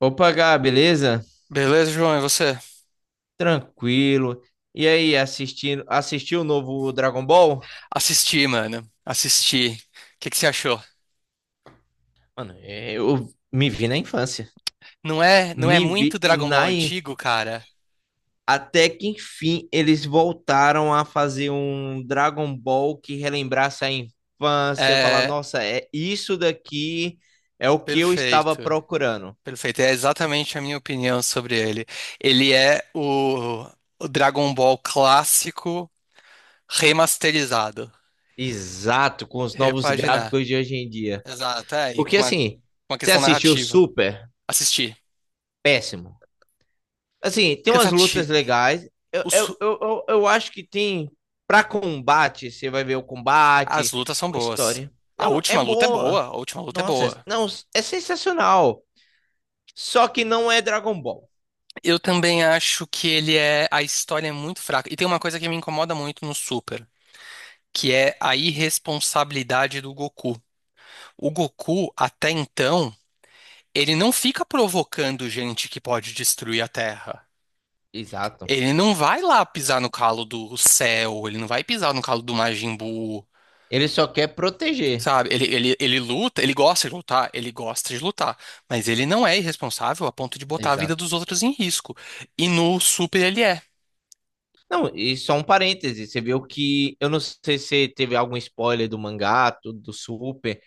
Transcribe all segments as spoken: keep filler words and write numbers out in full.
Opa, Gá, beleza? Beleza, João, e você? Tranquilo. E aí, assistindo, assistiu o novo Dragon Ball? Assisti, mano. Assisti. O que que você achou? Mano, eu me vi na infância. Não é, não é Me vi muito Dragon na Ball in- antigo, cara? Até que enfim eles voltaram a fazer um Dragon Ball que relembrasse a infância, falar, É nossa, é isso daqui é o que eu estava perfeito. procurando. Perfeito. É exatamente a minha opinião sobre ele. Ele é o, o Dragon Ball clássico remasterizado. Exato, com os novos Repaginar. gráficos de hoje em dia. Exato, é, e Porque com uma, assim, uma você questão assistiu narrativa. Super? Assisti. Péssimo. Assim, tem umas lutas Cansativo. legais. Eu, eu, Os- eu, eu, eu acho que tem. Pra combate, você vai ver o As combate, lutas são uma boas. história. A Não, é última luta é boa. boa. A última luta é Nossa, boa. não, é sensacional. Só que não é Dragon Ball. Eu também acho que ele é. A história é muito fraca. E tem uma coisa que me incomoda muito no Super, que é a irresponsabilidade do Goku. O Goku, até então, ele não fica provocando gente que pode destruir a Terra. Exato. Ele não vai lá pisar no calo do Cell, ele não vai pisar no calo do Majin Buu, Ele só quer proteger. sabe? Ele, ele, ele luta, ele gosta de lutar, ele gosta de lutar, mas ele não é irresponsável a ponto de botar a vida Exato. dos outros em risco. E no Super ele é. Não, e só um parêntese, você viu que eu não sei se teve algum spoiler do mangá, tudo do Super.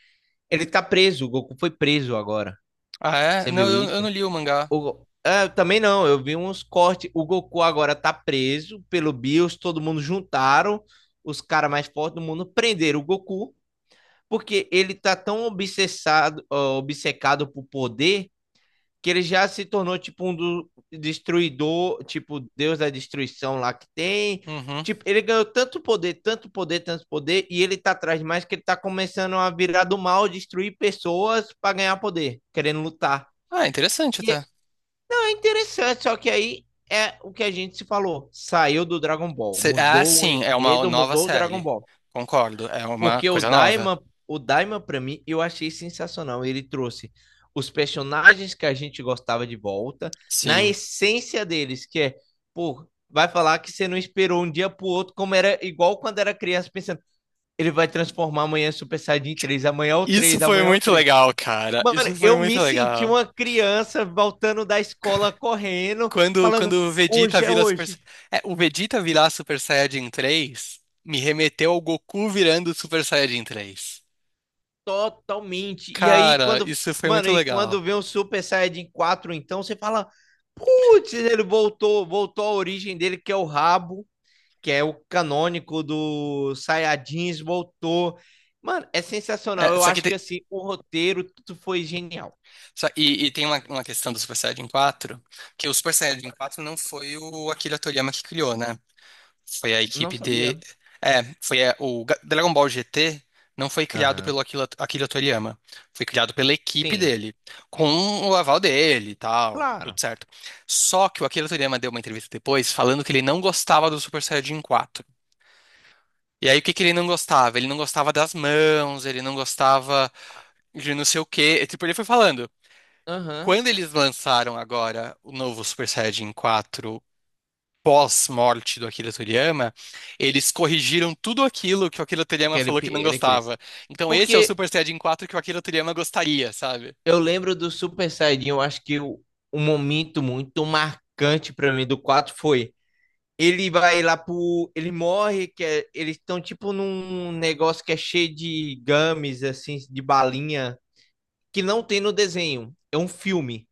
Ele tá preso, o Goku foi preso agora. Ah, é? Você Não, viu eu eu isso? não li o mangá. O... Ah, também não, eu vi uns cortes. O Goku agora tá preso pelo Bills, todo mundo juntaram, os caras mais fortes do mundo prenderam o Goku, porque ele tá tão obsessado, ó, obcecado por poder, que ele já se tornou tipo um do... destruidor, tipo Deus da destruição lá que tem. Uhum. Tipo, ele ganhou tanto poder, tanto poder, tanto poder, e ele tá atrás de mais que ele tá começando a virar do mal, destruir pessoas pra ganhar poder, querendo lutar. Ah, interessante E até. interessante, só que aí é o que a gente se falou. Saiu do Dragon Ball, Se- Ah, mudou o sim, é uma enredo, nova mudou o Dragon série. Ball. Concordo, é uma Porque o coisa nova. Daima, o Daima para mim, eu achei sensacional. Ele trouxe os personagens que a gente gostava de volta, na Sim. essência deles, que é, pô, vai falar que você não esperou um dia pro outro, como era igual quando era criança, pensando, ele vai transformar amanhã Super Saiyajin três, amanhã é o Isso três, foi amanhã é o muito três. legal, cara. Mano, Isso foi eu muito me senti legal. uma criança voltando da escola correndo, Quando, quando falando, o Vegeta hoje é vira Super... hoje. É, o Vegeta virar Super Saiyajin três me remeteu ao Goku virando Super Saiyajin três. Totalmente. E aí, Cara, quando. isso foi Mano, muito e legal. quando vê o Super Saiyajin quatro então, você fala, putz, ele voltou, voltou à origem dele, que é o rabo, que é o canônico do Saiyajins, voltou. Mano, é sensacional. É, Eu só que acho tem, que, assim, o roteiro, tudo foi genial. só- e, e tem uma, uma questão do Super Saiyajin quatro, que o Super Saiyajin quatro não foi o Akira Toriyama que criou, né? Foi a Não equipe de. sabia. É, foi a- o Ga- Dragon Ball G T não foi criado Aham. pelo Akira, Akira Toriyama. Foi criado pela equipe Sim, dele, com o aval dele e tal, tudo claro. certo. Só que o Akira Toriyama deu uma entrevista depois falando que ele não gostava do Super Saiyajin quatro. E aí, o que que ele não gostava? Ele não gostava das mãos, ele não gostava de não sei o quê. E tipo, ele foi falando. Aham. Quando eles lançaram agora o novo Super Saiyajin quatro pós-morte do Akira Toriyama, eles corrigiram tudo aquilo que o Akira Toriyama Que ele, falou que não ele queria. gostava. Então esse é o Porque Super Saiyajin quatro que o Akira Toriyama gostaria, sabe? eu lembro do Super Saiyajin, eu acho que o, um momento muito marcante pra mim do quatro foi. Ele vai lá pro. Ele morre, que é- eles estão tipo num negócio que é cheio de gummies, assim, de balinha, que não tem no desenho. É um filme.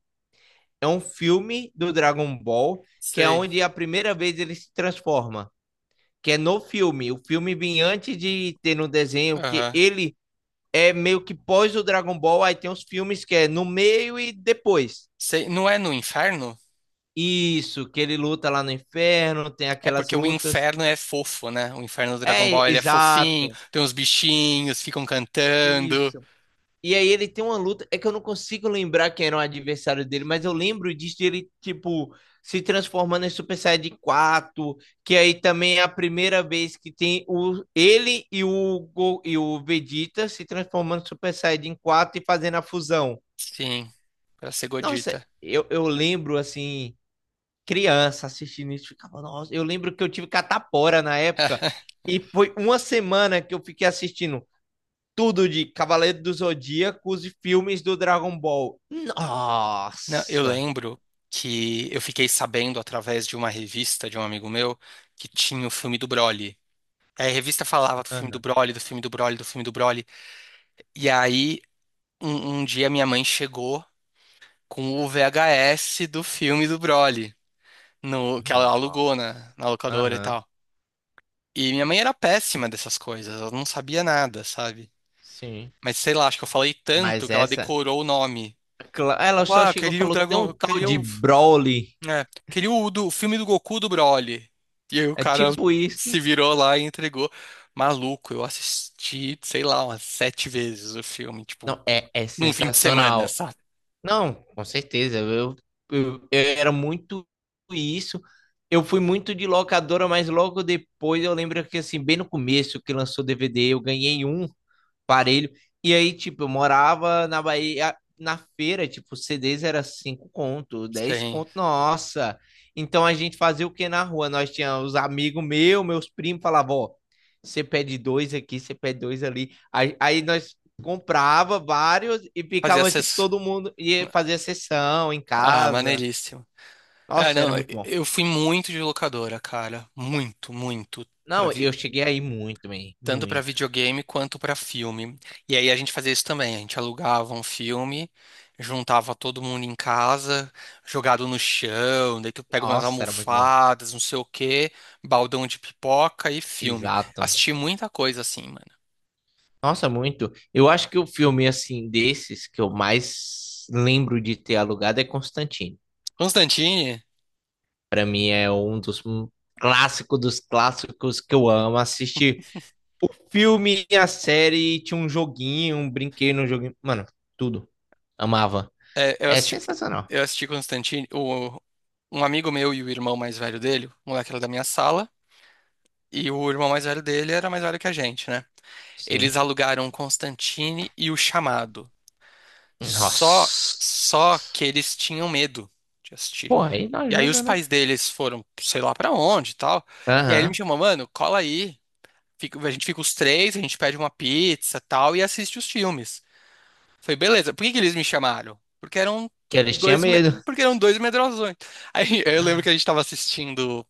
É um filme do Dragon Ball, que é Sei. onde a primeira vez ele se transforma. Que é no filme. O filme vem antes de ter no desenho, que Aham. ele é meio que pós o Dragon Ball, aí tem os filmes que é no meio e depois. Sei. Não é no inferno? Isso, que ele luta lá no inferno, tem É aquelas porque o lutas. inferno é fofo, né? O inferno do Dragon É, Ball, ele é fofinho, exato. tem uns bichinhos, ficam cantando. Isso. E aí ele tem uma luta, é que eu não consigo lembrar quem era o adversário dele, mas eu lembro disso de ele, tipo, se transformando em Super Saiyajin quatro, que aí também é a primeira vez que tem o ele e o Go- e o Vegeta se transformando em Super Saiyajin quatro e fazendo a fusão. Sim, pra ser Nossa, Godita. eu, eu lembro assim criança assistindo isso, ficava, nossa, eu lembro que eu tive catapora na época e foi uma semana que eu fiquei assistindo tudo de Cavaleiro do Zodíaco, os filmes do Dragon Ball. Não, eu Nossa! lembro que eu fiquei sabendo através de uma revista de um amigo meu que tinha o filme do Broly. É, a revista falava do filme do Aham. Broly, do filme do Broly, do filme do Broly. E aí, um, um dia minha mãe chegou com o V H S do filme do Broly, no, que ela alugou na, Nossa. na locadora e Aham. tal. E minha mãe era péssima dessas coisas, ela não sabia nada, sabe? Sim. Mas sei lá, acho que eu falei tanto Mas que ela essa, decorou o nome. cla- Ela ela falou, só ah, eu chegou e queria o falou, tem dragão, um eu tal queria de o Broly. é, queria o, do, o filme do Goku do Broly. E aí o É cara tipo isso. se virou lá e entregou. Maluco, eu assisti, sei lá, umas sete vezes o filme, tipo, Não, é, é num fim de semana, sensacional. sabe? Não, com certeza. Eu, eu, eu era muito isso. Eu fui muito de locadora, mas logo depois eu lembro que assim, bem no começo que lançou o D V D, eu ganhei um parelho. E aí, tipo, eu morava na Bahia, na feira, tipo, C Ds era cinco conto, dez Sim, conto, nossa. Então a gente fazia o que na rua? Nós tínhamos os amigos meus, meus primos, falavam, ó, você pede dois aqui, você pede dois ali. Aí, aí nós comprava vários e fazia ficava, tipo, essas. todo mundo ia fazer sessão em Ah, casa. maneiríssimo. É, Nossa, era não, muito bom. eu fui muito de locadora, cara. Muito, muito. Pra, Não, vi- eu cheguei aí muito, man, Tanto para muito. videogame quanto para filme. E aí a gente fazia isso também, a gente alugava um filme, juntava todo mundo em casa, jogado no chão, daí tu pega umas Nossa, era muito bom. almofadas, não sei o quê, baldão de pipoca e filme. Exato. Assisti muita coisa assim, mano. Nossa, muito. Eu acho que o filme assim desses que eu mais lembro de ter alugado é Constantine. Constantine, Pra mim é um dos clássicos dos clássicos que eu amo assistir. O filme, a série, tinha um joguinho, um brinquedo no joguinho, mano, tudo. Amava. é, eu É assisti, sensacional. eu assisti Constantine, o, um amigo meu e o irmão mais velho dele, o moleque era da minha sala. E o irmão mais velho dele era mais velho que a gente, né? Sim. Eles alugaram Constantine e O Chamado. Só, Só Nossa. que eles tinham medo de assistir. Pô, aí não E aí os ajuda, né? pais deles foram, sei lá pra onde e tal. E aí ele me Aham. chamou, mano, cola aí. Fica- a gente fica os três, a gente pede uma pizza tal e assiste os filmes. Foi beleza. Por que que eles me chamaram? Porque eram Que eles tinham dois, me- medo. porque eram dois medrosões. Aí eu lembro que a gente tava assistindo.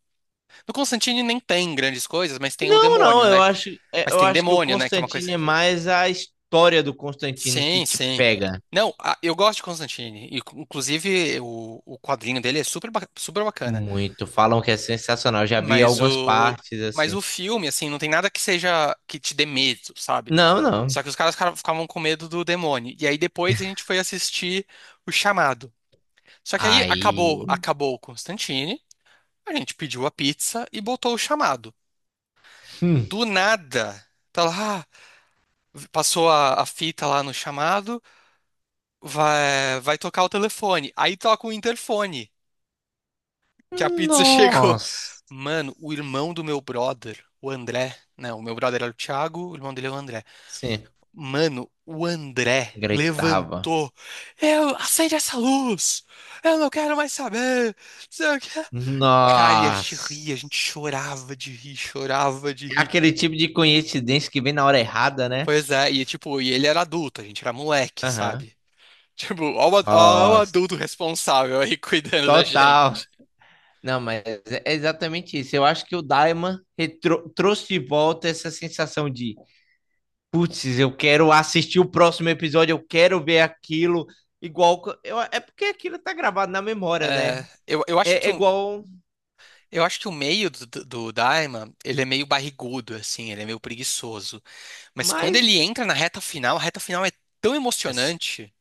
No Constantine nem tem grandes coisas, mas tem o Não, não, demônio, eu né? acho, é, Mas eu tem acho que o demônio, né? Que é uma Constantine coisa é que mais a história do Constantine que sim, te sim. pega Não, a- eu gosto de Constantine. E inclusive, o, o quadrinho dele é super, ba- super bacana. muito. Falam que é sensacional. Eu já vi Mas algumas o, partes mas assim. o filme, assim, não tem nada que seja que te dê medo, sabe? Não, não. Só que os caras cara- ficavam com medo do demônio. E aí depois a gente foi assistir O Chamado. Só que aí acabou, Aí, acabou o Constantine, a gente pediu a pizza e botou o chamado. hum, Do nada, tá lá, passou a, a fita lá no chamado. Vai, vai tocar o telefone. Aí toca o interfone. Que a pizza chegou. nossa, Mano, o irmão do meu brother, o André, né? O meu brother era o Thiago, o irmão dele é o André. sim, Mano, o André gritava. levantou. Eu acende essa luz. Eu não quero mais saber. Não sei o quê. Cara, e a gente ria, a gente Nossa. chorava de rir, chorava de É rir. aquele tipo de coincidência que vem na hora errada, né? Pois é, e tipo, e ele era adulto, a gente era moleque, Aham. sabe? Tipo, ó o, ad- ó o adulto Nossa. responsável aí cuidando da Total. gente. Não, mas é exatamente isso. Eu acho que o Daima retro- trouxe de volta essa sensação de putz, eu quero assistir o próximo episódio, eu quero ver aquilo. Igual. Eu, é porque aquilo tá gravado na memória, né? É, eu, eu acho É, que é um igual. eu acho que o meio do, do do Daima, ele é meio barrigudo, assim, ele é meio preguiçoso. Mas quando Mas. ele entra na reta final, a reta final é tão emocionante.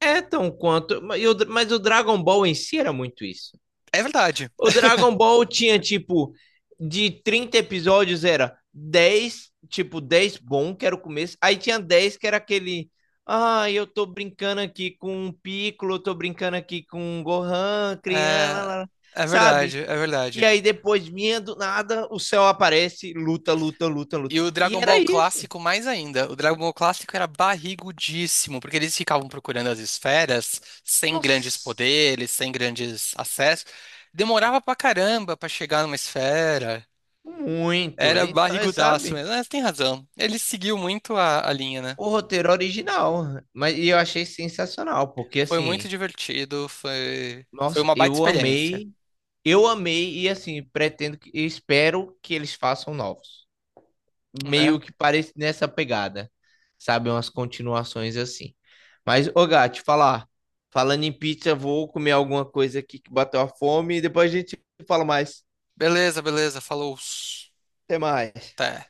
É tão quanto. Mas, o Dragon Ball em si era muito isso. É verdade. O Dragon Ball tinha, tipo, de trinta episódios era dez, tipo, dez bom, que era o começo. Aí tinha dez que era aquele. Ah, eu tô brincando aqui com o Piccolo, eu tô brincando aqui com o Gohan, É, criança, é sabe? verdade, é E verdade. aí depois vinha do nada, o céu aparece, luta, luta, luta, luta. E o E Dragon era Ball isso. clássico mais ainda. O Dragon Ball clássico era barrigudíssimo, porque eles ficavam procurando as esferas, sem grandes Nossa, poderes, sem grandes acessos. Demorava pra caramba pra chegar numa esfera. muito. Era Então, é, barrigudaço sabe, mesmo. Mas tem razão. Ele seguiu muito a a linha, né? o roteiro original. Mas e eu achei sensacional, porque Foi muito assim, divertido, foi, foi nossa, uma baita eu experiência, amei, eu amei e assim, pretendo que, espero que eles façam novos. né? Meio que parece nessa pegada, sabe? Umas continuações assim. Mas, ô gato falar. Falando em pizza, vou comer alguma coisa aqui que bateu a fome e depois a gente fala mais. Beleza, beleza, falou. Até mais. Até.